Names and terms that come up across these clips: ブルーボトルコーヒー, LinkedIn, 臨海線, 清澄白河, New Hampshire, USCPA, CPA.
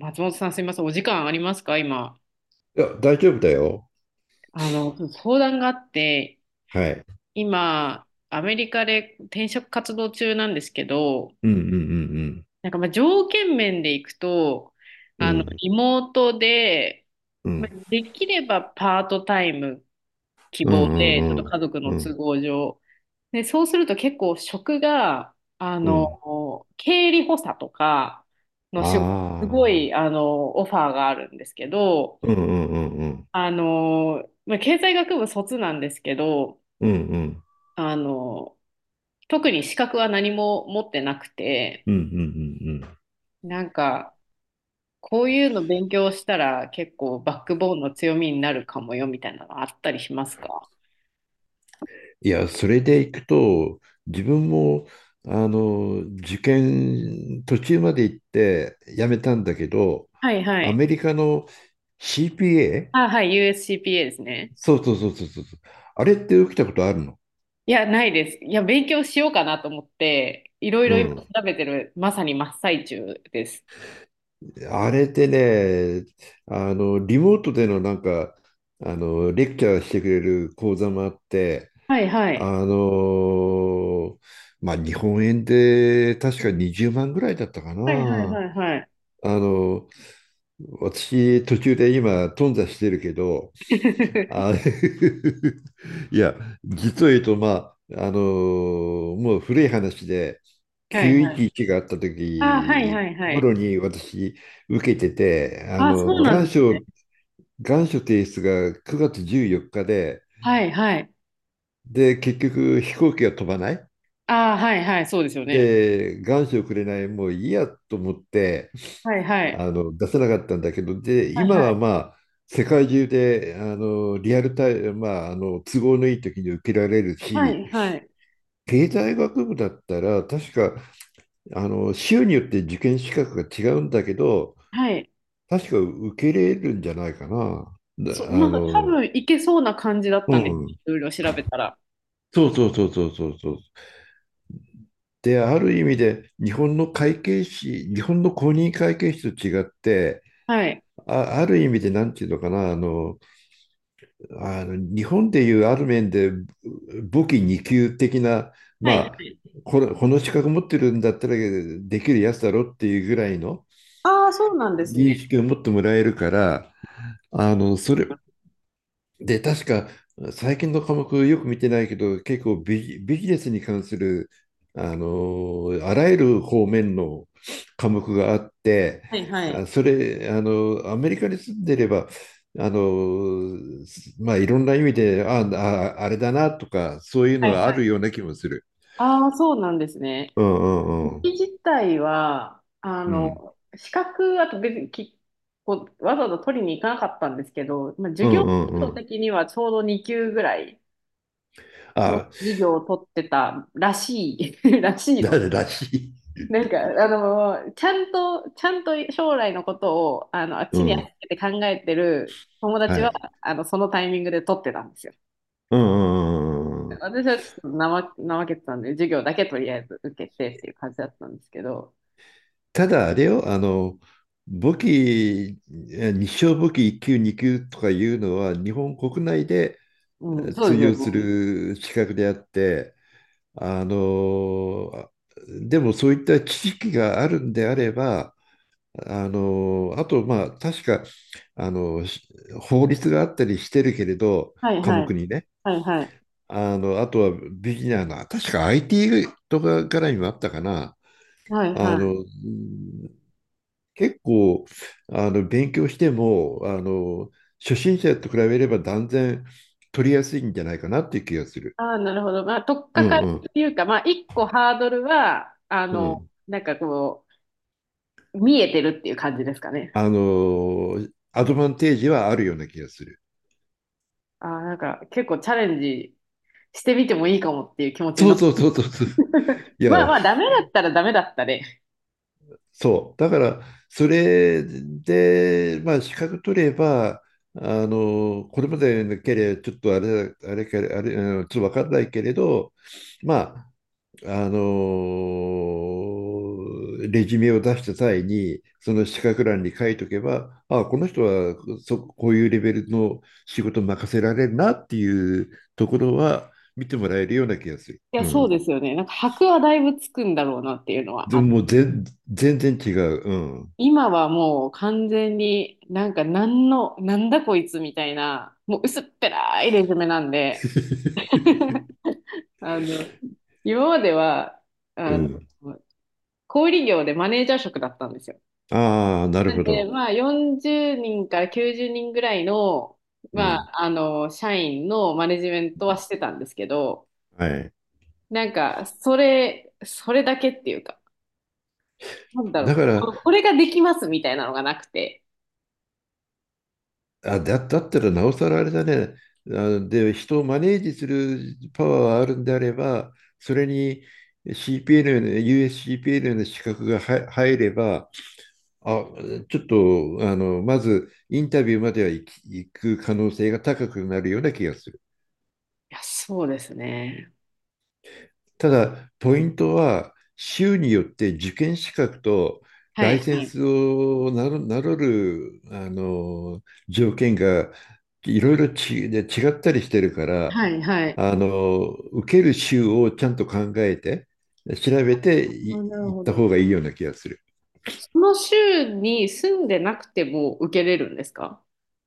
松本さん、すみません。お時間ありますか今。いや、大丈夫だよ。相談があって、はい。今、アメリカで転職活動中なんですけど、うんうんなんかまあ条件面でいくと、うんうん。リモートで、うんうまんあできればパートタイム希う望んで、うちょっとん。家族のう都ん合上。で、そうすると結構職が、うん経理補佐とかの仕事、すあごあ。い、オファーがあるんですけど、うんうんうんうん。まあ、経済学部卒なんですけど、うんうんあの、特に資格は何も持ってなくて、うんうんうんうん。なんか、こういうの勉強したら結構バックボーンの強みになるかもよみたいなのあったりしますか？いや、それでいくと、自分も、受験途中まで行って辞めたんだけど、はいはアい。メリカの CPA？ あ、はい、USCPA ですね。そうそうそうそうそう。あれって起きたことあるの？いや、ないです。いや、勉強しようかなと思って、いろいうろ今調ん。べてる、まさに真っ最中です。あれってね、リモートでのなんか、レクチャーしてくれる講座もあって、はいはい。あの、日本円で確か20万ぐらいだったかはいはいはな。いはい。あの、私、途中で今、頓挫してるけど、あれ いや、実を言うと、もう古い話で、はいはい。911があったあ、はい時はいはい。頃に私、受けてて、ああ、の、そうなん願です書、ね。願書提出が9月14日で、はいはい。で、結局飛行機が飛ばない。ああ、はいはい、そうですよね。で、願書をくれない、もういいやと思って、はいはい。出せなかったんだけど、で、はい今はい。はまあ、世界中で、リアルタイム、都合のいい時に受けられるはし、いはい。経済学部だったら、確か、州によって受験資格が違うんだけど、はい。確か受け入れるんじゃないかな。そう、だなあんか多の、分いけそうな感じだっうたんです。ん。いろいろ調べたら。そうそうそうそうそうそう。で、ある意味で、日本の会計士、日本の公認会計士と違って、はい。あ、ある意味で、なんていうのかな、あの、日本でいうある面で、簿記二級的な、まはいはあ、い。これ、この資格持ってるんだったらできるやつだろっていうぐらいの、ああ、そうなんです認ね。識を持ってもらえるから、あの、それ、で、確か、最近の科目よく見てないけど、結構ビジネスに関する、あらゆる方面の科目があって、はいはい。あ、それ、あの、アメリカに住んでれば、あの、いろんな意味で、ああ、あれだなとか、そういうはいのがあはるい。ような気もする。ああ、そうなんですね。うんう簿んうん。記自体は、うん。資格、あと別にき、こう、わざわざ取りに行かなかったんですけど、まあ、授う業んうん制う度ん。的にはちょうど2級ぐらいのあ、授業を取ってたらしい、らしいだの。らしい。なんか、ちゃんと将来のことを、あっうちにん。預けて考えてる友達はは、い。そのタイミングで取ってたんですよ。うんうんうんうん。私はちょっと怠けてたんで、授業だけとりあえず受けてっていう感じだったんですけど、ただあれよ、あの、武器、え日商武器1級、2級とかいうのは、日本国内でうん、そう通ですよ用すね。る資格であって、あの、あでもそういった知識があるんであれば、あの、あと、まあ、確か、あの、し法律があったりしてるけれど、はい科は目い、にね、はいはい、あとはビギナーの、確か IT とか絡みもあったかな。はいあはの、い。結構勉強しても初心者と比べれば断然取りやすいんじゃないかなっていう気がする。ああ、なるほど。まあ、とっうかかんりうんっていうか、まあ、一個ハードルは、うん。なんかこう、見えてるっていう感じですかね。あのアドバンテージはあるような気がする。ああ、なんか結構チャレンジしてみてもいいかもっていう気持ちにそなっうた。そうそうそうそう。い まあや、まあ、ダメだったらダメだったで、そう。だから、それで、まあ、資格取れば、あの、これまでのければ、ちょっとあれ、あれか、あれ、あのちょっとわかんないけれど、まあ、レジュメを出した際にその資格欄に書いとけば、ああ、この人はこういうレベルの仕事任せられるなっていうところは見てもらえるような気がする。いや、うそうん、ですよね。なんか箔はだいぶつくんだろうなっていうのはであもった。もう全全然違う。うん 今はもう完全になんだこいつみたいな、もう薄っぺらいレジュメなんで、あの、今までは、うあの、ん、小売業でマネージャー職だったんですよ。ああ、なるほで、ど。まあ40人から90人ぐらいの、うまん、あ、社員のマネジメントはしてたんですけど、はい、なんか、それだけっていうか、なんだろだう、からこれができますみたいなのがなくて。だったらなおさらあれだね。あので、人をマネージするパワーがあるんであれば、それに CPL の、USCPL の資格が入れば、あ、ちょっと、まずインタビューまでは行く可能性が高くなるような気がする。いや、そうですね。ただ、ポイントは、州によって受験資格とはライい、セはンい。スをなる、なろる、あの、条件がいろいろ違ったりしてるから、はい、はい。受ける州をちゃんと考えて、調べてあ、いなる行っほた方ど。がいいような気がする。その州に住んでなくても受けれるんですか？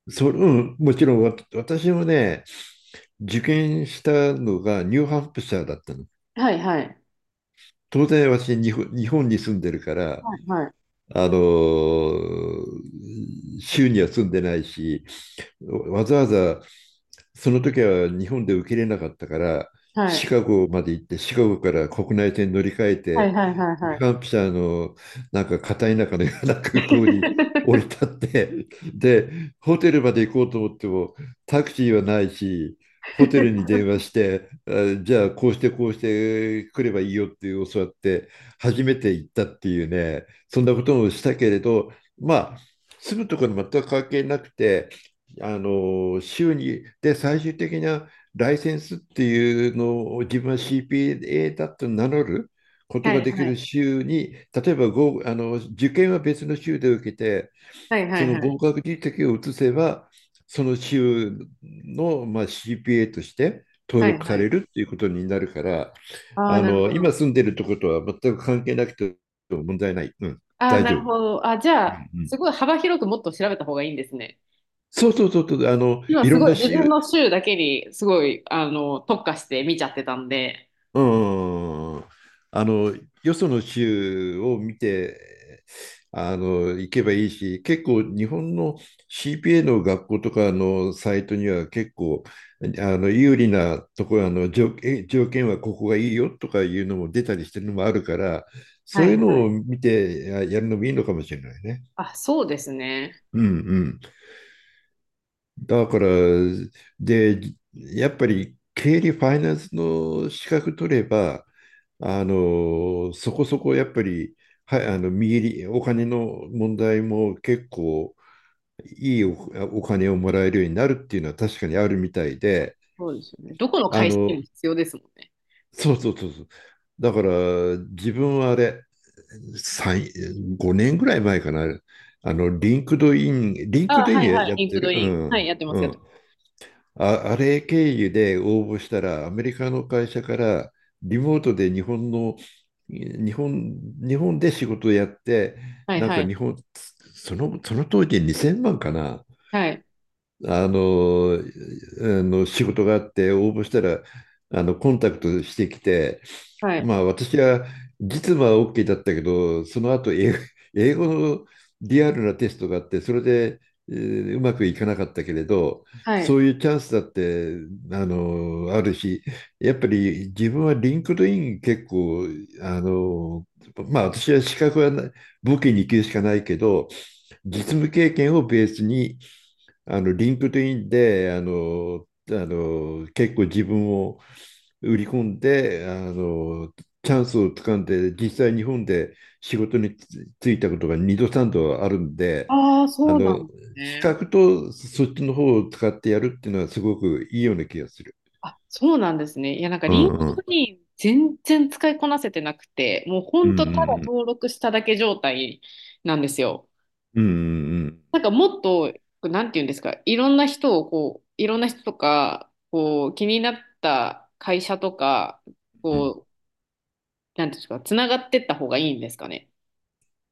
うん、もちろん私もね、受験したのがニューハンプシャーだったの。はい、はい。当然私日本、日本に住んでるから、はい、はい。あの、州には住んでないし、わざわざその時は日本で受け入れなかったから、シはカゴまで行って、シカゴから国内線乗り換えい、はい、てはい、ニはューハンい。プシャーのなんか片田舎のようなは空い、港に 降り 立って、で、ホテルまで行こうと思ってもタクシーはないし、ホテルに電話してじゃあこうしてこうして来ればいいよって教わって初めて行ったっていうね。そんなこともしたけれど、まあ、住むところに全く関係なくて、あの週にで最終的なライセンスっていうのを、自分は CPA だと名乗ることはがい、できはるい。州に、例えば合あの受験は別の州で受けて、はい、はそい、のはい。合格実績を移せば、その州の、まあ、CPA として登はい録さはれい。るっていうことになるから、ああ、なるほ今ど。住んでるとことは全く関係なくて問題ない、うん、ああ、大な丈夫。るうんほど。あ、じゃあ、うん、すごい幅広くもっと調べた方がいいんですね。そうそうそうそう、今いすろんごいな自分州、の州だけにすごい特化して見ちゃってたんで。うん。うん、あの、よその州を見て、行けばいいし、結構日本の CPA の学校とかのサイトには結構、有利なところ、あの、条件はここがいいよとかいうのも出たりしてるのもあるから、そはういいうはのい。を見てやるのもいいのかもしれないね。あ、そうですね。うんうん。だから、で、やっぱり経理ファイナンスの資格取れば、そこそこやっぱり、はい、あの、見入り、お金の問題も結構いいお、お金をもらえるようになるっていうのは確かにあるみたいで、そうですよね。どこのあ会社での、も必要ですもんね。そうそうそうそう。だから、自分はあれ、3、5年ぐらい前かな、あの、リンクあ、ドインはいはい。やっリンてクドる、うイン。はい、ん、やってまうす、やっん。てあれ経由で応募したら、アメリカの会社からリモートで日本の、日本、日本で仕事をやって、ます。はいなんはかい。日本、その、その当時2000万かな、はい。あの仕事があって応募したらあのコンタクトしてきて、はい。まあ、私は実務は OK だったけど、その後英語のリアルなテストがあって、それで、うまくいかなかったけれど、はそい。ういうチャンスだってあるし、やっぱり自分はリンクドイン結構、あの、まあ、私は資格はな武器に行きるしかないけど、実務経験をベースにリンクトインで、結構自分を売り込んで、チャンスをつかんで、実際日本で仕事に就いたことが2度3度あるんで、ああ、あそうなの、んです資ね。格とそっちの方を使ってやるっていうのはすごくいいような気がする。あ、そうなんですね。いや、なんかうリンクん。ドイン全然使いこなせてなくて、もうほうんんうとただん登録しただけ状態なんですよ。うんうんうんうんなんかもっと、なんて言うんですか、いろんな人とか、こう、気になった会社とか、うん、こう、なんていうんですか、つながってった方がいいんですかね。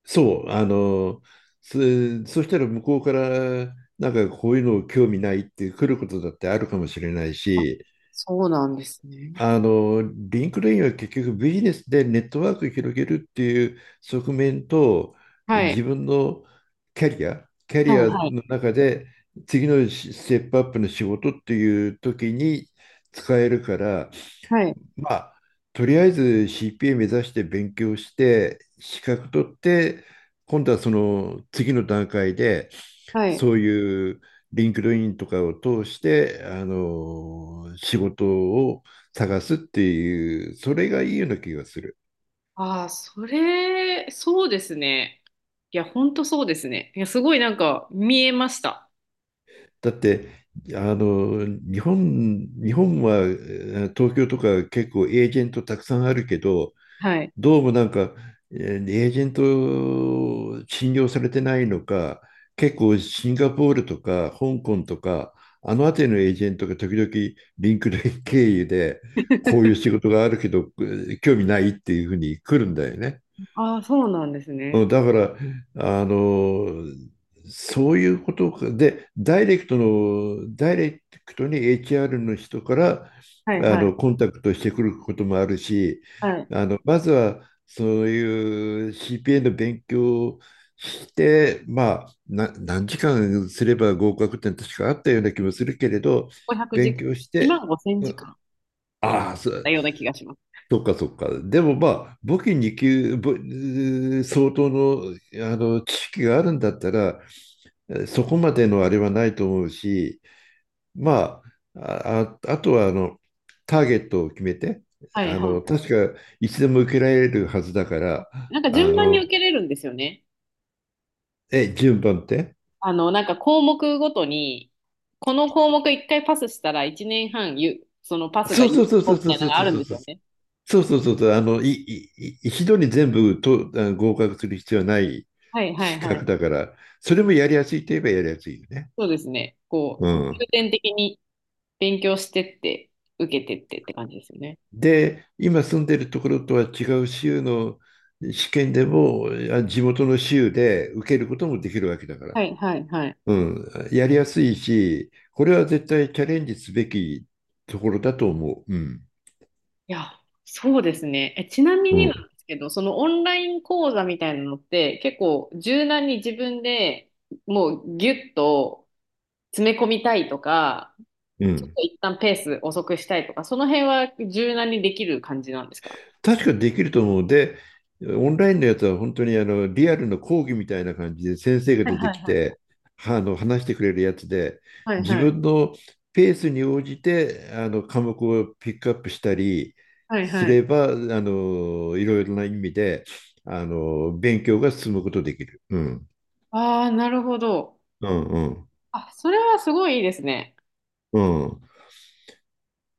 そう、そ、そしたら向こうから、なんかこういうの興味ないって来ることだってあるかもしれないあ、し、そうなんですね。あの、リンクレインは結局ビジネスでネットワークを広げるっていう側面と、は自い。分のキャリはい、アはい、の中で次のステップアップの仕事っていう時に使えるから、はい、まあ、とりあえず CPA 目指して勉強して、資格取って、今度はその次の段階で、はい。そういうリンクドインとかを通して、仕事を探すっていう、それがいいような気がする。ああ、そうですね。いや、ほんとそうですね。いや、すごいなんか見えました。だって、あの、日本は東京とか結構エージェントたくさんあるけど、はい。どうもなんか、エージェント信用されてないのか、結構シンガポールとか香港とか、あの辺りのエージェントが時々リンクで経由で、こういう 仕事があるけど、興味ないっていうふうに来るんだよね。ああ、そうなんですうね。ん、だから、あの、そういうことかで、ダイレクトに HR の人から、はい、はい、コンタクトしてくることもあるし、はい。まずは、そういう CPA の勉強をして、まあ、何時間すれば合格点確かあったような気もするけれど、500時勉間、強し1て、万5千うん、時間とかだああ、そったう、ような気がします。そっかそっか。でもまあ、簿記に級、相当の、知識があるんだったら、そこまでのあれはないと思うし、まあ、あとはターゲットを決めて、はい、はい。確かいつでも受けられるはずだから、なんかあ順番にの受けれるんですよね。え、順番って？なんか項目ごとに、この項目一回パスしたら一年半ゆ、そのパスがそう有そうそうそ効うみそたういなそのうがあそうるんそうですそう。よね。そうそうそうそう、あの、い、い、い一度に全部合格する必要はないはいは資いは格い。だから、それもやりやすいといえばやりやすいよね。そうですね。こう、う重ん。点的に勉強してって、受けてってって感じですよね。で、今住んでるところとは違う州の試験でも、地元の州で受けることもできるわけだから。はいはいはい。うん。やりやすいし、これは絶対チャレンジすべきところだと思う。うん。いや、そうですね。え、ちなみうになん。んですけど、そのオンライン講座みたいなのって結構柔軟に自分でもうギュッと詰め込みたいとか、うちょっん。と一旦ペース遅くしたいとか、その辺は柔軟にできる感じなんですか？確かにできると思う。で、オンラインのやつは本当にリアルの講義みたいな感じで先生がはい出はていきはい。て、はあの話してくれるやつで、はい自はい。分のペースに応じて科目をピックアップしたりはいすはい。れば、いろいろな意味で勉強が進むことできる。うん。ああ、なるほど。うんうん。あ、それはすごいいいですね。うん。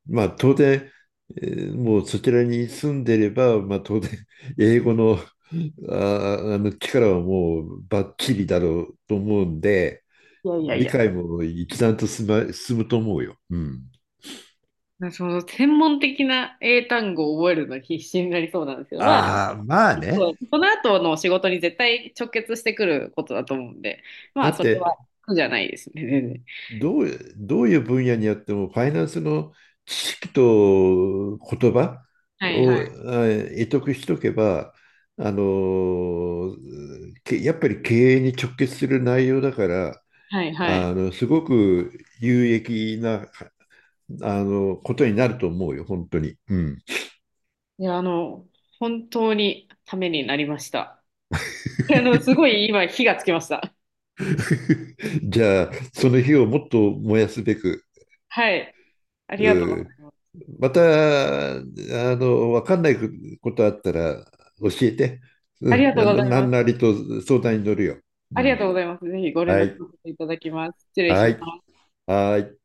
まあ当然、もうそちらに住んでれば、まあ当然、英語の、力はもうバッチリだろうと思うんで、いやいやい理や。解も一段と進むと思うよ。うん。その専門的な英単語を覚えるの必死になりそうなんですけど、まあ、ああ、まあ結構ね。この後の仕事に絶対直結してくることだと思うんで、まだあ、っそれて、は苦じゃないですね、全然。どういう分野にあっても、ファイナンスの知識と言葉はいを、はい。得しとけば、あのけやっぱり経営に直結する内容だから、はいはい。すごく有益な、ことになると思うよ、本当に。うん。いや、本当にためになりました。すごい今、火がつきました。じゃあ、その火をもっと燃やすべく、はい。ありがとううござん、います。また、わかんないことあったら教えて。あうりん、がとうございなまんす。なりと相談に乗るよ。あうりがとん。うございます。ぜひご連は絡さい。せていただきます。失礼はしい。ます。はい。